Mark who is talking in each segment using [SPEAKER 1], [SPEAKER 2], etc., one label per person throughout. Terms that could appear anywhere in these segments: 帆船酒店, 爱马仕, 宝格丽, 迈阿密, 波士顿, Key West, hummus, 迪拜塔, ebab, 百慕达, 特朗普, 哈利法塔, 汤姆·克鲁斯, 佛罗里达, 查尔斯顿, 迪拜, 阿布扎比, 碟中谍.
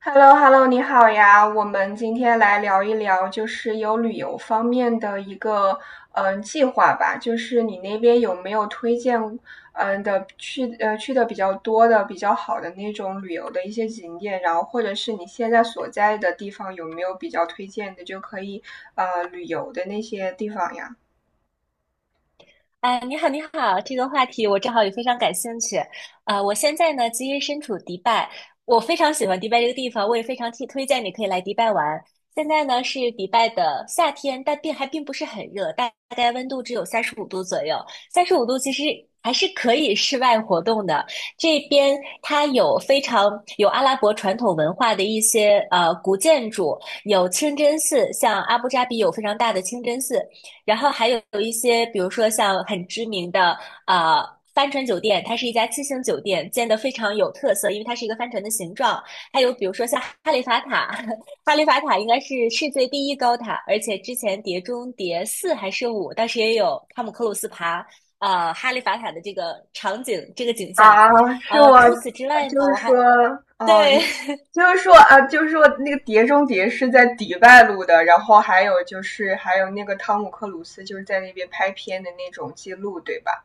[SPEAKER 1] hello hello 你好呀，我们今天来聊一聊，就是有旅游方面的一个计划吧，就是你那边有没有推荐的去的比较多的、比较好的那种旅游的一些景点，然后或者是你现在所在的地方有没有比较推荐的，就可以旅游的那些地方呀？
[SPEAKER 2] 啊，你好，你好，这个话题我正好也非常感兴趣。啊，我现在呢，其实身处迪拜，我非常喜欢迪拜这个地方，我也非常推荐你可以来迪拜玩。现在呢是迪拜的夏天，但并不是很热，大概温度只有三十五度左右。三十五度其实还是可以室外活动的。这边它非常有阿拉伯传统文化的一些古建筑，有清真寺，像阿布扎比有非常大的清真寺，然后还有一些，比如说像很知名的呃帆船酒店，它是一家七星酒店，建得非常有特色，因为它是一个帆船的形状。还有比如说像哈利法塔，哈利法塔应该是世界第一高塔，而且之前《碟中谍四》还是五，当时也有汤姆克鲁斯爬哈利法塔的这个场景，这个景象。
[SPEAKER 1] 啊，是我，
[SPEAKER 2] 除此之外呢，
[SPEAKER 1] 就是说，哦，你
[SPEAKER 2] 对。
[SPEAKER 1] 就是说啊，就是说那个《碟中谍》是在迪拜录的，然后还有就是那个汤姆克鲁斯就是在那边拍片的那种记录，对吧？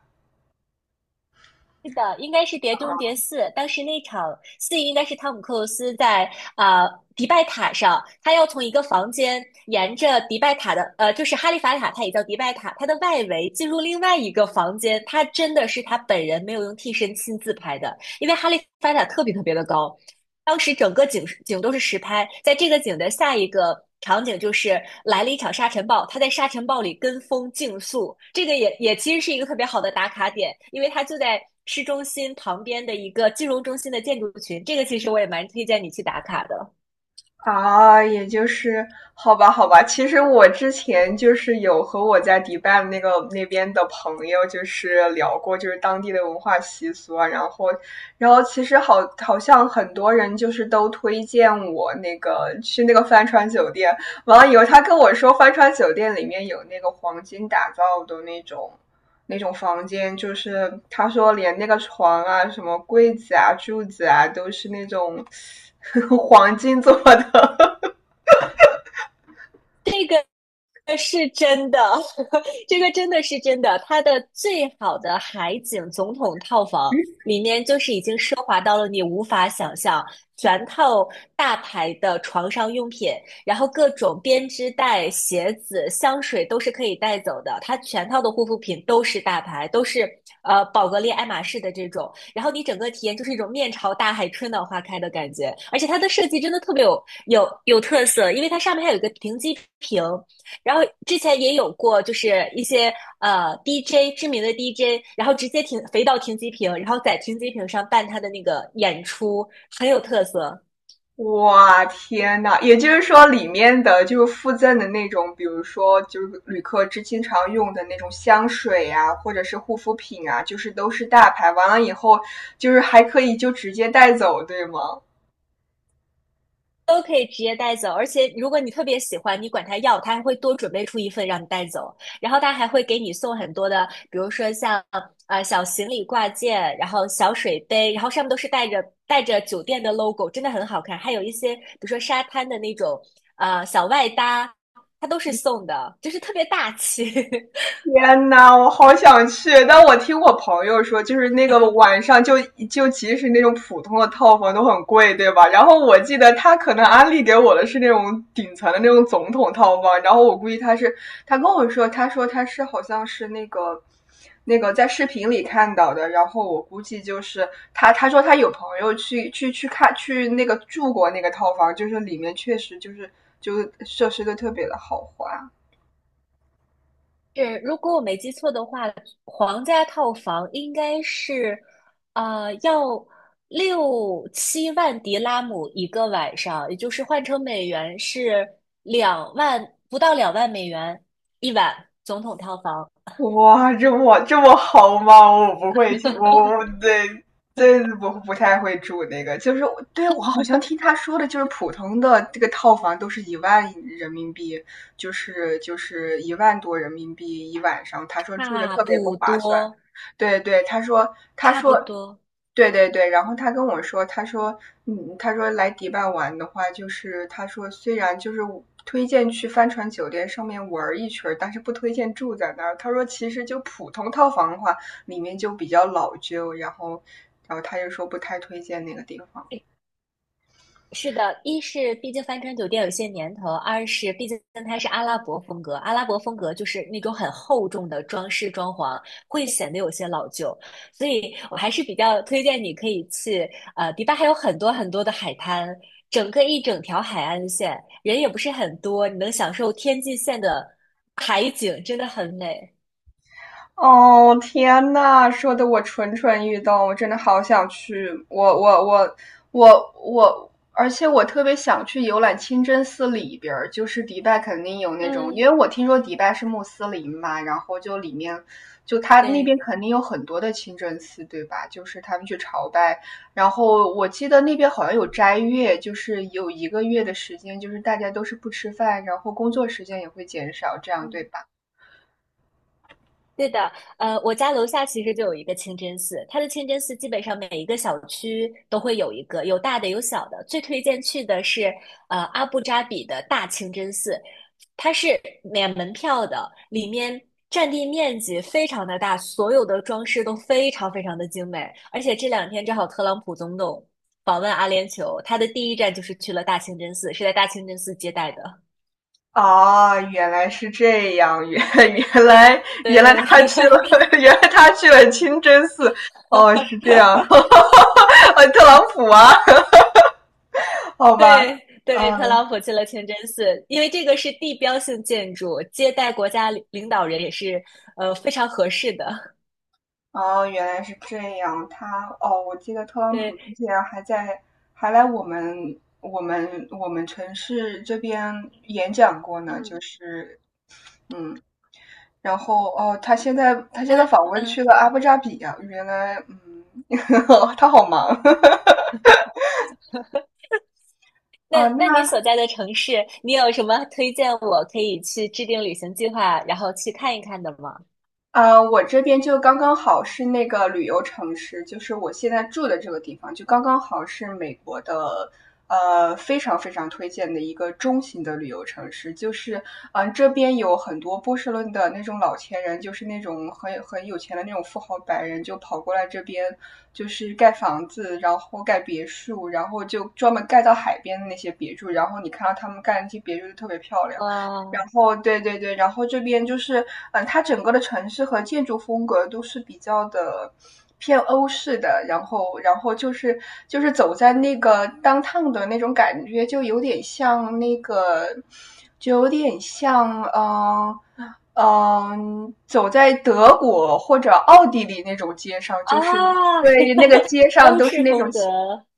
[SPEAKER 2] 是的，应该是《碟中
[SPEAKER 1] 嗯
[SPEAKER 2] 谍四》。当时那场戏应该是汤姆·克鲁斯在迪拜塔上，他要从一个房间沿着迪拜塔的就是哈利法塔，它也叫迪拜塔，它的外围进入另外一个房间。他真的是他本人没有用替身亲自拍的，因为哈利法塔特别特别的高，当时整个景都是实拍，在这个景的下一个场景就是来了一场沙尘暴，他在沙尘暴里跟风竞速，这个也其实是一个特别好的打卡点，因为它就在市中心旁边的一个金融中心的建筑群，这个其实我也蛮推荐你去打卡的。
[SPEAKER 1] 啊，也就是好吧，好吧。其实我之前就是有和我在迪拜那个那边的朋友就是聊过，就是当地的文化习俗啊，然后，其实好像很多人就是都推荐我那个去那个帆船酒店，完了以后他跟我说帆船酒店里面有那个黄金打造的那种。那种房间，就是他说连那个床啊、什么柜子啊、柱子啊，都是那种 黄金做的。
[SPEAKER 2] 是真的，这个真的是真的。它的最好的海景总统套房里面，就是已经奢华到了你无法想象，全套大牌的床上用品，然后各种编织袋、鞋子、香水都是可以带走的。它全套的护肤品都是大牌，都是宝格丽、爱马仕的这种。然后你整个体验就是一种面朝大海、春暖花开的感觉。而且它的设计真的特别有特色，因为它上面还有一个停机坪。然后之前也有过，就是一些知名的 DJ，然后直接停飞到停机坪，然后在停机坪上办他的那个演出，很有特色。
[SPEAKER 1] 哇，天呐，也就是说里面的就是附赠的那种，比如说就是旅客之经常用的那种香水啊，或者是护肤品啊，就是都是大牌。完了以后，就是还可以就直接带走，对吗？
[SPEAKER 2] 都可以直接带走，而且如果你特别喜欢，你管他要，他还会多准备出一份让你带走，然后他还会给你送很多的，比如说像小行李挂件，然后小水杯，然后上面都是带着酒店的 logo，真的很好看，还有一些比如说沙滩的那种小外搭，它都是送的，就是特别大气。
[SPEAKER 1] 天呐，我好想去。但我听我朋友说，就是那个晚上就即使那种普通的套房都很贵，对吧？然后我记得他可能安利给我的是那种顶层的那种总统套房，然后我估计他是他跟我说，他说他是好像是那个在视频里看到的，然后我估计就是他说他有朋友去看去那个住过那个套房，就是里面确实就是设施都特别的豪华。
[SPEAKER 2] 是，如果我没记错的话，皇家套房应该是，要六七万迪拉姆一个晚上，也就是换成美元是两万，不到2万美元一晚，总统套房，
[SPEAKER 1] 哇，这么好吗？我不会，我我 我对这不太会住那个，就是我对我好像听他说的，就是普通的这个套房都是1万人民币，就是1万多人民币一晚上。他说住着
[SPEAKER 2] 差
[SPEAKER 1] 特别不
[SPEAKER 2] 不
[SPEAKER 1] 划算。
[SPEAKER 2] 多，
[SPEAKER 1] 对对，他说他
[SPEAKER 2] 差不
[SPEAKER 1] 说
[SPEAKER 2] 多。
[SPEAKER 1] 对对对，然后他跟我说，他说，嗯，他说来迪拜玩的话，就是他说虽然就是推荐去帆船酒店上面玩一圈儿，但是不推荐住在那儿。他说其实就普通套房的话，里面就比较老旧，然后，他就说不太推荐那个地方。
[SPEAKER 2] 是的，一是毕竟帆船酒店有些年头，二是毕竟它是阿拉伯风格，阿拉伯风格就是那种很厚重的装饰装潢，会显得有些老旧，所以我还是比较推荐你可以去，迪拜还有很多很多的海滩，整个一整条海岸线，人也不是很多，你能享受天际线的海景，真的很美。
[SPEAKER 1] 哦，天呐，说的我蠢蠢欲动，我真的好想去。我，而且我特别想去游览清真寺里边儿，就是迪拜肯定有那种，
[SPEAKER 2] 嗯。
[SPEAKER 1] 因为我听说迪拜是穆斯林嘛，然后就里面就他那
[SPEAKER 2] 对。
[SPEAKER 1] 边肯定有很多的清真寺，对吧？就是他们去朝拜，然后我记得那边好像有斋月，就是有一个月的时间，就是大家都是不吃饭，然后工作时间也会减少，这样对
[SPEAKER 2] 嗯。
[SPEAKER 1] 吧？
[SPEAKER 2] 对的，我家楼下其实就有一个清真寺，它的清真寺基本上每一个小区都会有一个，有大的有小的。最推荐去的是阿布扎比的大清真寺，它是免门票的，里面占地面积非常的大，所有的装饰都非常非常的精美。而且这两天正好特朗普总统访问阿联酋，他的第一站就是去了大清真寺，是在大清真寺接待的。
[SPEAKER 1] 啊，原来是这样，原来原来
[SPEAKER 2] 对。
[SPEAKER 1] 他去了，原来他去了清真寺，哦，是这样，哦，特朗普啊，好吧，
[SPEAKER 2] 对对，特
[SPEAKER 1] 嗯，
[SPEAKER 2] 朗普去了清真寺，因为这个是地标性建筑，接待国家领导人也是非常合适的。
[SPEAKER 1] 哦，原来是这样，他，哦，我记得特朗普
[SPEAKER 2] 对，
[SPEAKER 1] 之前还在，还来我们城市这边演讲过呢，就
[SPEAKER 2] 嗯，
[SPEAKER 1] 是，嗯，然后哦，他现在
[SPEAKER 2] 那
[SPEAKER 1] 访问去
[SPEAKER 2] 嗯，
[SPEAKER 1] 了阿布扎比啊，原来，嗯，他好忙
[SPEAKER 2] 那
[SPEAKER 1] 哦，
[SPEAKER 2] 那你
[SPEAKER 1] 那。
[SPEAKER 2] 所在的城市，你有什么推荐我可以去制定旅行计划，然后去看一看的吗？
[SPEAKER 1] 我这边就刚刚好是那个旅游城市，就是我现在住的这个地方，就刚刚好是美国的，非常非常推荐的一个中型的旅游城市。就是，这边有很多波士顿的那种老钱人，就是那种很有钱的那种富豪白人，就跑过来这边，就是盖房子，然后盖别墅，然后就专门盖到海边的那些别墅。然后你看到他们盖那些别墅就特别漂亮。然
[SPEAKER 2] 哇
[SPEAKER 1] 后对对对，然后这边就是，嗯，它整个的城市和建筑风格都是比较的偏欧式的，然后就是走在那个 downtown 的那种感觉，就有点像那个，就有点像走在德国或者奥地利那种街上，就是
[SPEAKER 2] 啊，
[SPEAKER 1] 对那个 街上
[SPEAKER 2] 欧
[SPEAKER 1] 都是
[SPEAKER 2] 式
[SPEAKER 1] 那种
[SPEAKER 2] 风格，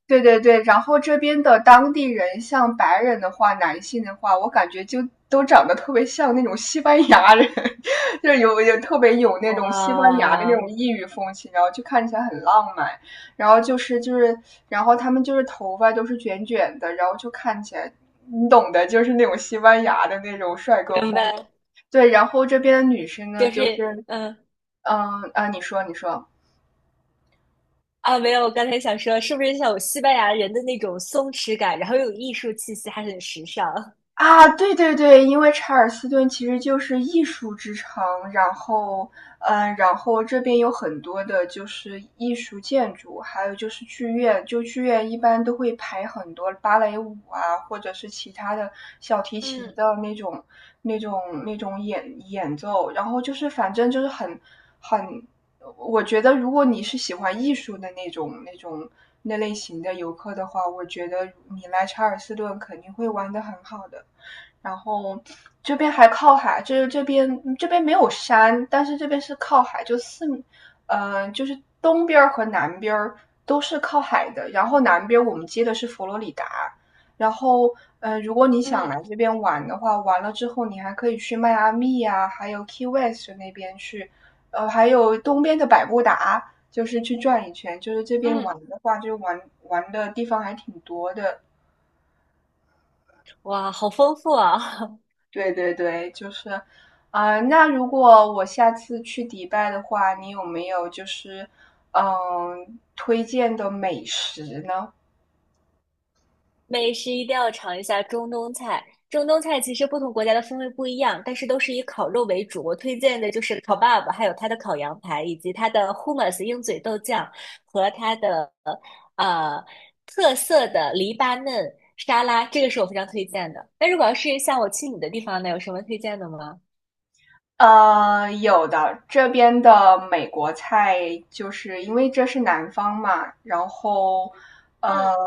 [SPEAKER 1] 对对对，然后这边的当地人，像白人的话，男性的话，我感觉就都长得特别像那种西班牙人，就是有特别有那种西班牙的那
[SPEAKER 2] 哇，
[SPEAKER 1] 种异域风情，然后就看起来很浪漫，然后就是，然后他们就是头发都是卷卷的，然后就看起来，你懂的，就是那种西班牙的那种帅哥
[SPEAKER 2] 明
[SPEAKER 1] 风。
[SPEAKER 2] 白，
[SPEAKER 1] 对，然后这边的女生呢，
[SPEAKER 2] 就
[SPEAKER 1] 就
[SPEAKER 2] 是
[SPEAKER 1] 是，
[SPEAKER 2] 嗯、
[SPEAKER 1] 嗯啊，你说你说。
[SPEAKER 2] 没有，我刚才想说，是不是像有西班牙人的那种松弛感，然后又有艺术气息，还很时尚？
[SPEAKER 1] 啊，对对对，因为查尔斯顿其实就是艺术之城，然后，嗯，然后这边有很多的就是艺术建筑，还有就是剧院，就剧院一般都会排很多芭蕾舞啊，或者是其他的小提琴
[SPEAKER 2] 嗯
[SPEAKER 1] 的那种演奏，然后就是反正就是很，我觉得如果你是喜欢艺术的那种那种那类型的游客的话，我觉得你来查尔斯顿肯定会玩的很好的。然后这边还靠海，就是这边没有山，但是这边是靠海，就四，就是东边和南边都是靠海的。然后南边我们接的是佛罗里达，然后如果你想
[SPEAKER 2] 嗯
[SPEAKER 1] 来这边玩的话，完了之后你还可以去迈阿密呀、还有 Key West 那边去，还有东边的百慕达，就是去转一圈。就是这边玩
[SPEAKER 2] 嗯，
[SPEAKER 1] 的话，就玩的地方还挺多的。
[SPEAKER 2] 哇，好丰富啊！
[SPEAKER 1] 对对对，就是，啊、那如果我下次去迪拜的话，你有没有就是，嗯，推荐的美食呢？
[SPEAKER 2] 美食一定要尝一下中东菜。中东菜其实不同国家的风味不一样，但是都是以烤肉为主。我推荐的就是烤 e b a b 还有它的烤羊排，以及它的 hummus 鹰嘴豆酱和它的呃特色的黎巴嫩沙拉，这个是我非常推荐的。那如果要是像我去你的地方呢，有什么推荐的吗？
[SPEAKER 1] 有的，这边的美国菜就是因为这是南方嘛，然后
[SPEAKER 2] 嗯